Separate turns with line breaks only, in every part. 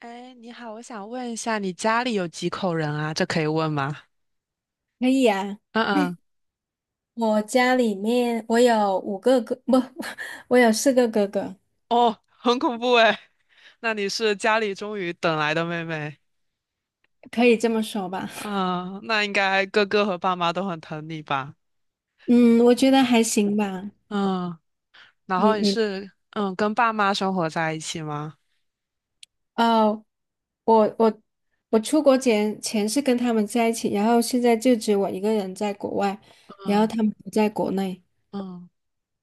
哎，你好，我想问一下，你家里有几口人啊？这可以问吗？
可以啊，
嗯 嗯。
我家里面我有5个哥，不，我有4个哥哥，
哦，很恐怖哎。那你是家里终于等来的妹妹。
可以这么说吧。
嗯，那应该哥哥和爸妈都很疼你吧？
嗯，我觉得还行吧。
嗯，然
你
后你
你
是跟爸妈生活在一起吗？
哦，我我我出国前是跟他们在一起，然后现在就只有我一个人在国外，然后
嗯
他们不在国内。
嗯，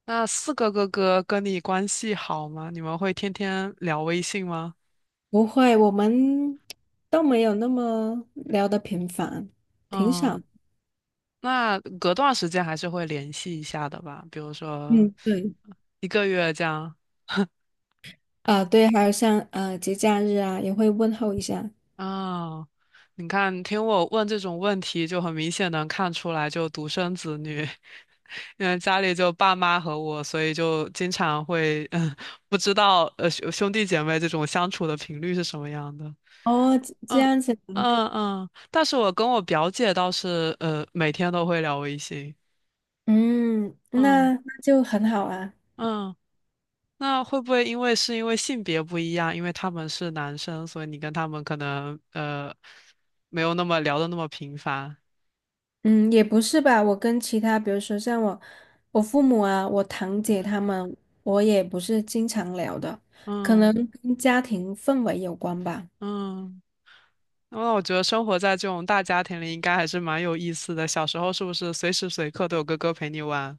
那四个哥哥跟你关系好吗？你们会天天聊微信吗？
不会，我们都没有那么聊得频繁，挺
嗯。
少。
那隔段时间还是会联系一下的吧，比如说
嗯，对，
一个月这样。
啊、对，还有像节假日啊，也会问候一下。
啊。你看，听我问这种问题，就很明显能看出来，就独生子女，因为家里就爸妈和我，所以就经常会，不知道兄弟姐妹这种相处的频率是什么样的。
哦，这
嗯
样子。
嗯嗯，但是我跟我表姐倒是，每天都会聊微信。
嗯，
嗯
那就很好啊。
嗯。那会不会因为性别不一样，因为他们是男生，所以你跟他们可能没有那么聊的那么频繁？
嗯，也不是吧，我跟其他，比如说像我，我父母啊，我堂姐他们，我也不是经常聊的，可
嗯
能跟家庭氛围有关吧。
嗯，那我觉得生活在这种大家庭里应该还是蛮有意思的。小时候是不是随时随刻都有哥哥陪你玩？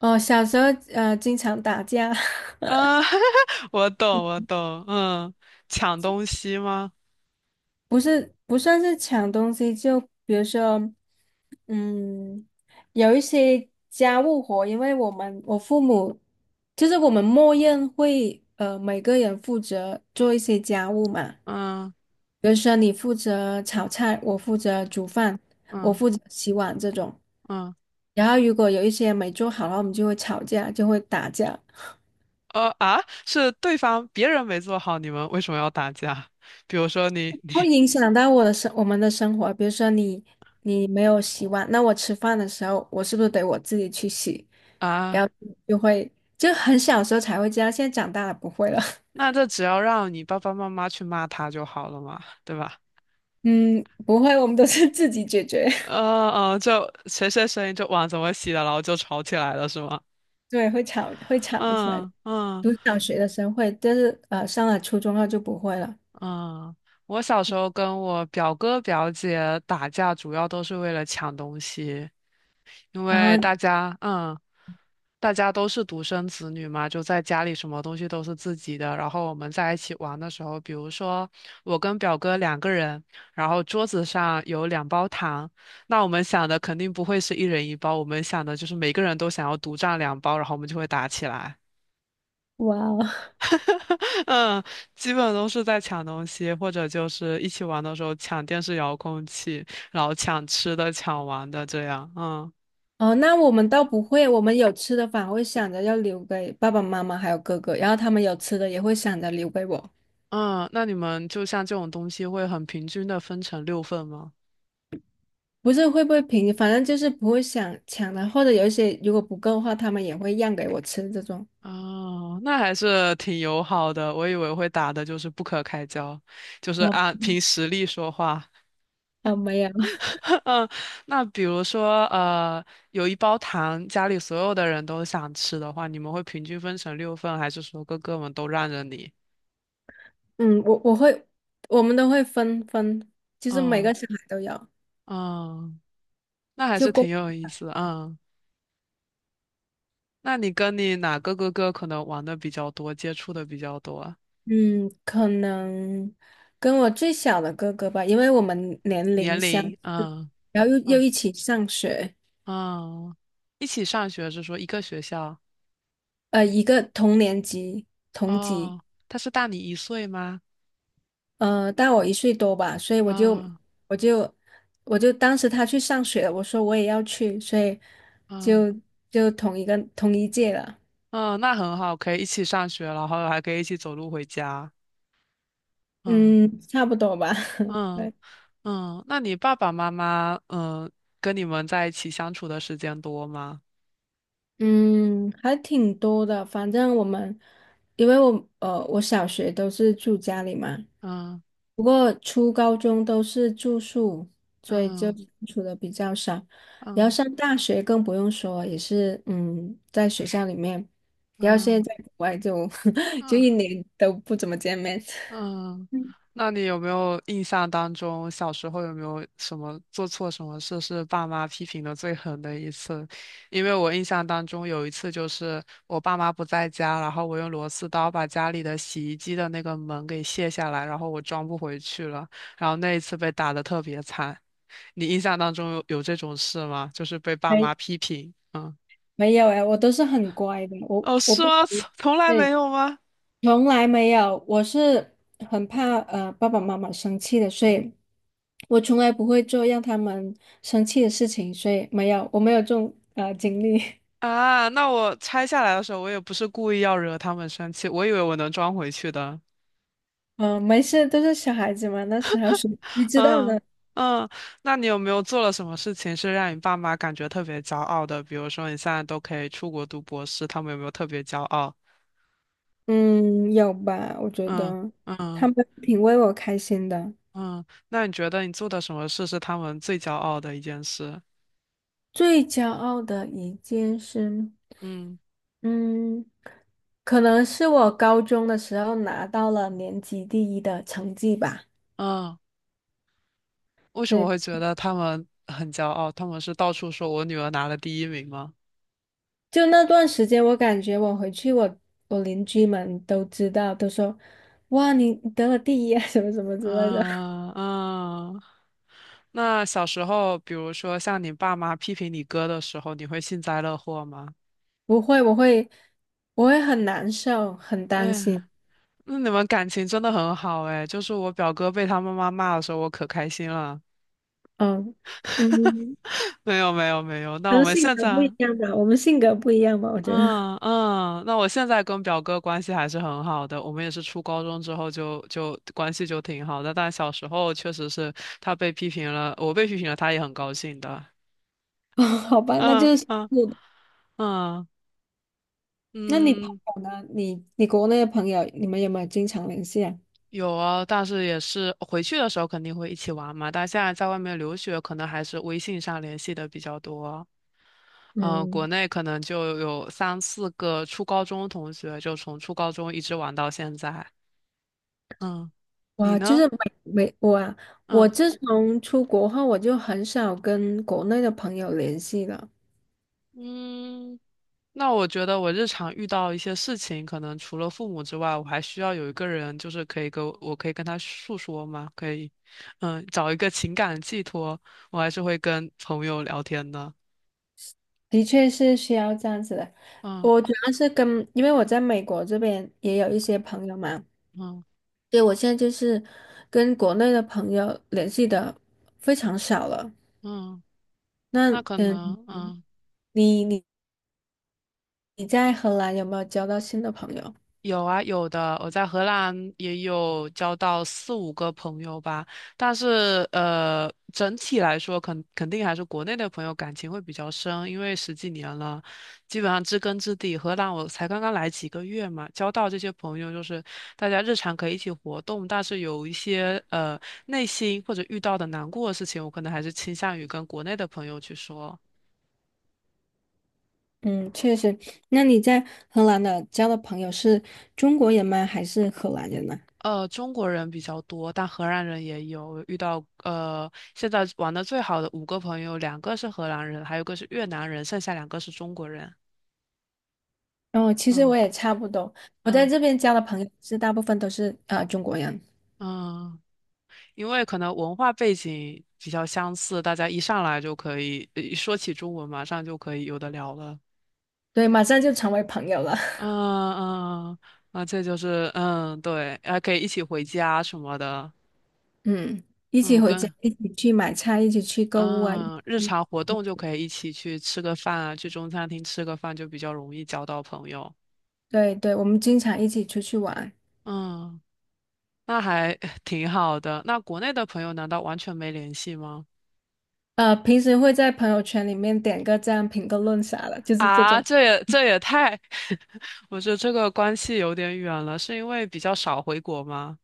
哦，小时候经常打架。
嗯，我懂我懂。嗯，抢东西吗？
不是不算是抢东西，就比如说，嗯，有一些家务活，因为我父母就是我们默认会每个人负责做一些家务嘛，
嗯
比如说你负责炒菜，我负责煮饭，我
嗯
负责洗碗这种。
嗯。
然后如果有一些没做好，然后我们就会吵架，就会打架。
呃啊，是对方别人没做好，你们为什么要打架？比如说你。
会影响到我们的生活。比如说你没有洗碗，那我吃饭的时候，我是不是得我自己去洗？然
啊，
后就会，就很小时候才会这样，现在长大了不会了。
那这只要让你爸爸妈妈去骂他就好了嘛，对吧？
嗯，不会，我们都是自己解决。
嗯嗯，就谁谁谁就碗怎么洗的，然后就吵起来了，是吗？
对，会吵，会吵起来。
嗯嗯
读小学的时候会，但是上了初中后就不会了。
嗯，我小时候跟我表哥表姐打架，主要都是为了抢东西，因为
啊，
大家嗯。大家都是独生子女嘛，就在家里什么东西都是自己的。然后我们在一起玩的时候，比如说我跟表哥两个人，然后桌子上有两包糖，那我们想的肯定不会是一人一包，我们想的就是每个人都想要独占两包，然后我们就会打起来。
哇哦，
嗯，基本都是在抢东西，或者就是一起玩的时候抢电视遥控器，然后抢吃的、抢玩的这样。嗯
哦，那我们倒不会，我们有吃的反而会想着要留给爸爸妈妈还有哥哥，然后他们有吃的也会想着留给我。
嗯，那你们就像这种东西会很平均的分成六份吗？
不是会不会平，反正就是不会想抢的，或者有一些如果不够的话，他们也会让给我吃这种。
哦，那还是挺友好的。我以为会打的就是不可开交，就是
啊
按凭实力说话。
啊，没有，
嗯，那比如说，有一包糖，家里所有的人都想吃的话，你们会平均分成六份，还是说哥哥们都让着你？
嗯，我会，我们都会分分，就是每
嗯
个小孩都有，
嗯，那还
就
是挺
公，
有意思的。嗯，那你跟你哪个哥哥可能玩的比较多，接触的比较多啊？
嗯，可能跟我最小的哥哥吧，因为我们年
年
龄相，
龄？嗯
然后又
嗯
一起上学，
嗯，一起上学是说一个学校？
一个同年级同级。
哦，他是大你一岁吗？
大我1岁多吧，所以
啊
我就我就当时他去上学了，我说我也要去，所以
嗯
就就同一届了，
嗯，那很好，可以一起上学，然后还可以一起走路回家。嗯
嗯，差不多吧，
嗯
对。
嗯，那你爸爸妈妈跟你们在一起相处的时间多吗？
嗯，还挺多的。反正我们，因为我我小学都是住家里嘛，
嗯
不过初高中都是住宿，所以就
嗯
住的比较少。然后
嗯
上大学更不用说，也是在学校里面。然后现
嗯
在在国外就 就
嗯
一年都不怎么见面。
嗯，那你有没有印象当中小时候有没有什么做错什么事是爸妈批评的最狠的一次？因为我印象当中有一次就是我爸妈不在家，然后我用螺丝刀把家里的洗衣机的那个门给卸下来，然后我装不回去了，然后那一次被打得特别惨。你印象当中有这种事吗？就是被 爸
没
妈批评？嗯。
没有哎，我都是很乖的，我
哦，
我
是
不。
吗？从来没
对。
有吗？
从来没有，我是很怕爸爸妈妈生气的，所以我从来不会做让他们生气的事情，所以没有，我没有这种经历。
啊，那我拆下来的时候，我也不是故意要惹他们生气，我以为我能装回去的。
嗯，没事，都是小孩子嘛，那时候谁知道
嗯
呢？
嗯，那你有没有做了什么事情是让你爸妈感觉特别骄傲的？比如说你现在都可以出国读博士，他们有没有特别骄傲？
嗯，有吧？我觉
嗯
得他
嗯
们挺为我开心的。
嗯，那你觉得你做的什么事是他们最骄傲的一件事？
最骄傲的一件事，
嗯
嗯，可能是我高中的时候拿到了年级第一的成绩吧。
嗯，为什么会
这
觉得他们很骄傲？他们是到处说我女儿拿了第一名吗？
就那段时间，我感觉我回去，我邻居们都知道，都说：“哇，你得了第一啊，什么什么之类的。”
嗯嗯。那小时候，比如说像你爸妈批评你哥的时候，你会幸灾乐祸吗？
不会，我会很难受，很担
哎，
心。
那你们感情真的很好哎。就是我表哥被他妈妈骂的时候，我可开心了。
嗯嗯，
没有没有没有，那
可
我
能
们
性
现
格不
在。
一样吧，我们性格不一样吧，我觉得。
嗯嗯，那我现在跟表哥关系还是很好的。我们也是初高中之后就关系就挺好的，但小时候确实是他被批评了，我被批评了，他也很高兴的。
哦，好吧，那
嗯
就是，
嗯嗯
那你朋
嗯。
友呢？你国内的朋友，你们有没有经常联系啊？
有啊，但是也是回去的时候肯定会一起玩嘛。但现在在外面留学，可能还是微信上联系的比较多。嗯，国
嗯，
内可能就有三四个初高中同学，就从初高中一直玩到现在。嗯，你
哇，就
呢？
是没我啊，我
嗯
自从出国后，我就很少跟国内的朋友联系了。
嗯，那我觉得我日常遇到一些事情，可能除了父母之外，我还需要有一个人，就是可以跟我，我可以跟他诉说嘛，可以，嗯，找一个情感寄托，我还是会跟朋友聊天的。
的确是需要这样子的。
嗯
我主要是跟，因为我在美国这边也有一些朋友嘛，
嗯。
对，我现在就是跟国内的朋友联系的非常少了。
嗯，
那
那可能，嗯，
你你你在荷兰有没有交到新的朋友？
有啊，有的。我在荷兰也有交到四五个朋友吧，但是整体来说，肯定还是国内的朋友感情会比较深，因为十几年了，基本上知根知底。荷兰我才刚刚来几个月嘛，交到这些朋友，就是大家日常可以一起活动，但是有一些内心或者遇到的难过的事情，我可能还是倾向于跟国内的朋友去说。
嗯，确实。那你在荷兰的交的朋友是中国人吗？还是荷兰人呢？
中国人比较多，但荷兰人也有遇到。现在玩的最好的五个朋友，两个是荷兰人，还有一个是越南人，剩下两个是中国人。
哦，其实
嗯
我也差不多，我在
嗯
这边交的朋友是大部分都是啊、中国人，
嗯，因为可能文化背景比较相似，大家一上来就可以，一说起中文，马上就可以有的聊了。
对，马上就成为朋友了。
嗯嗯，嗯啊，这就是对，还可以一起回家什么的。
嗯，一起
嗯，
回家，
跟
一起去买菜，一起去购物啊，一起
嗯，日
去，
常活动就可以一起去吃个饭啊，去中餐厅吃个饭就比较容易交到朋友。
对对，我们经常一起出去玩。
嗯，那还 挺好的。那国内的朋友难道完全没联系吗？
平时会在朋友圈里面点个赞、评个论啥的，就是这
啊，
种。
这也太，我觉得这个关系有点远了，是因为比较少回国吗？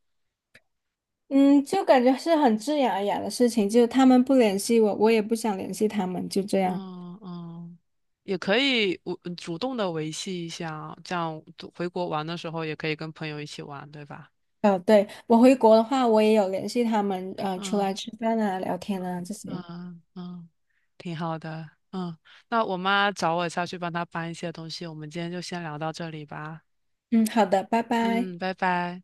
嗯，就感觉是很自然而然的事情，就他们不联系我，我也不想联系他们，就这样。
嗯嗯，也可以我主动的维系一下啊，这样回国玩的时候也可以跟朋友一起玩，对吧？
哦，对，我回国的话，我也有联系他们，出
嗯。
来吃饭啊、聊天啊这些。
嗯嗯，挺好的。嗯，那我妈找我下去帮她搬一些东西，我们今天就先聊到这里吧。
嗯，好的，拜拜。
嗯，拜拜。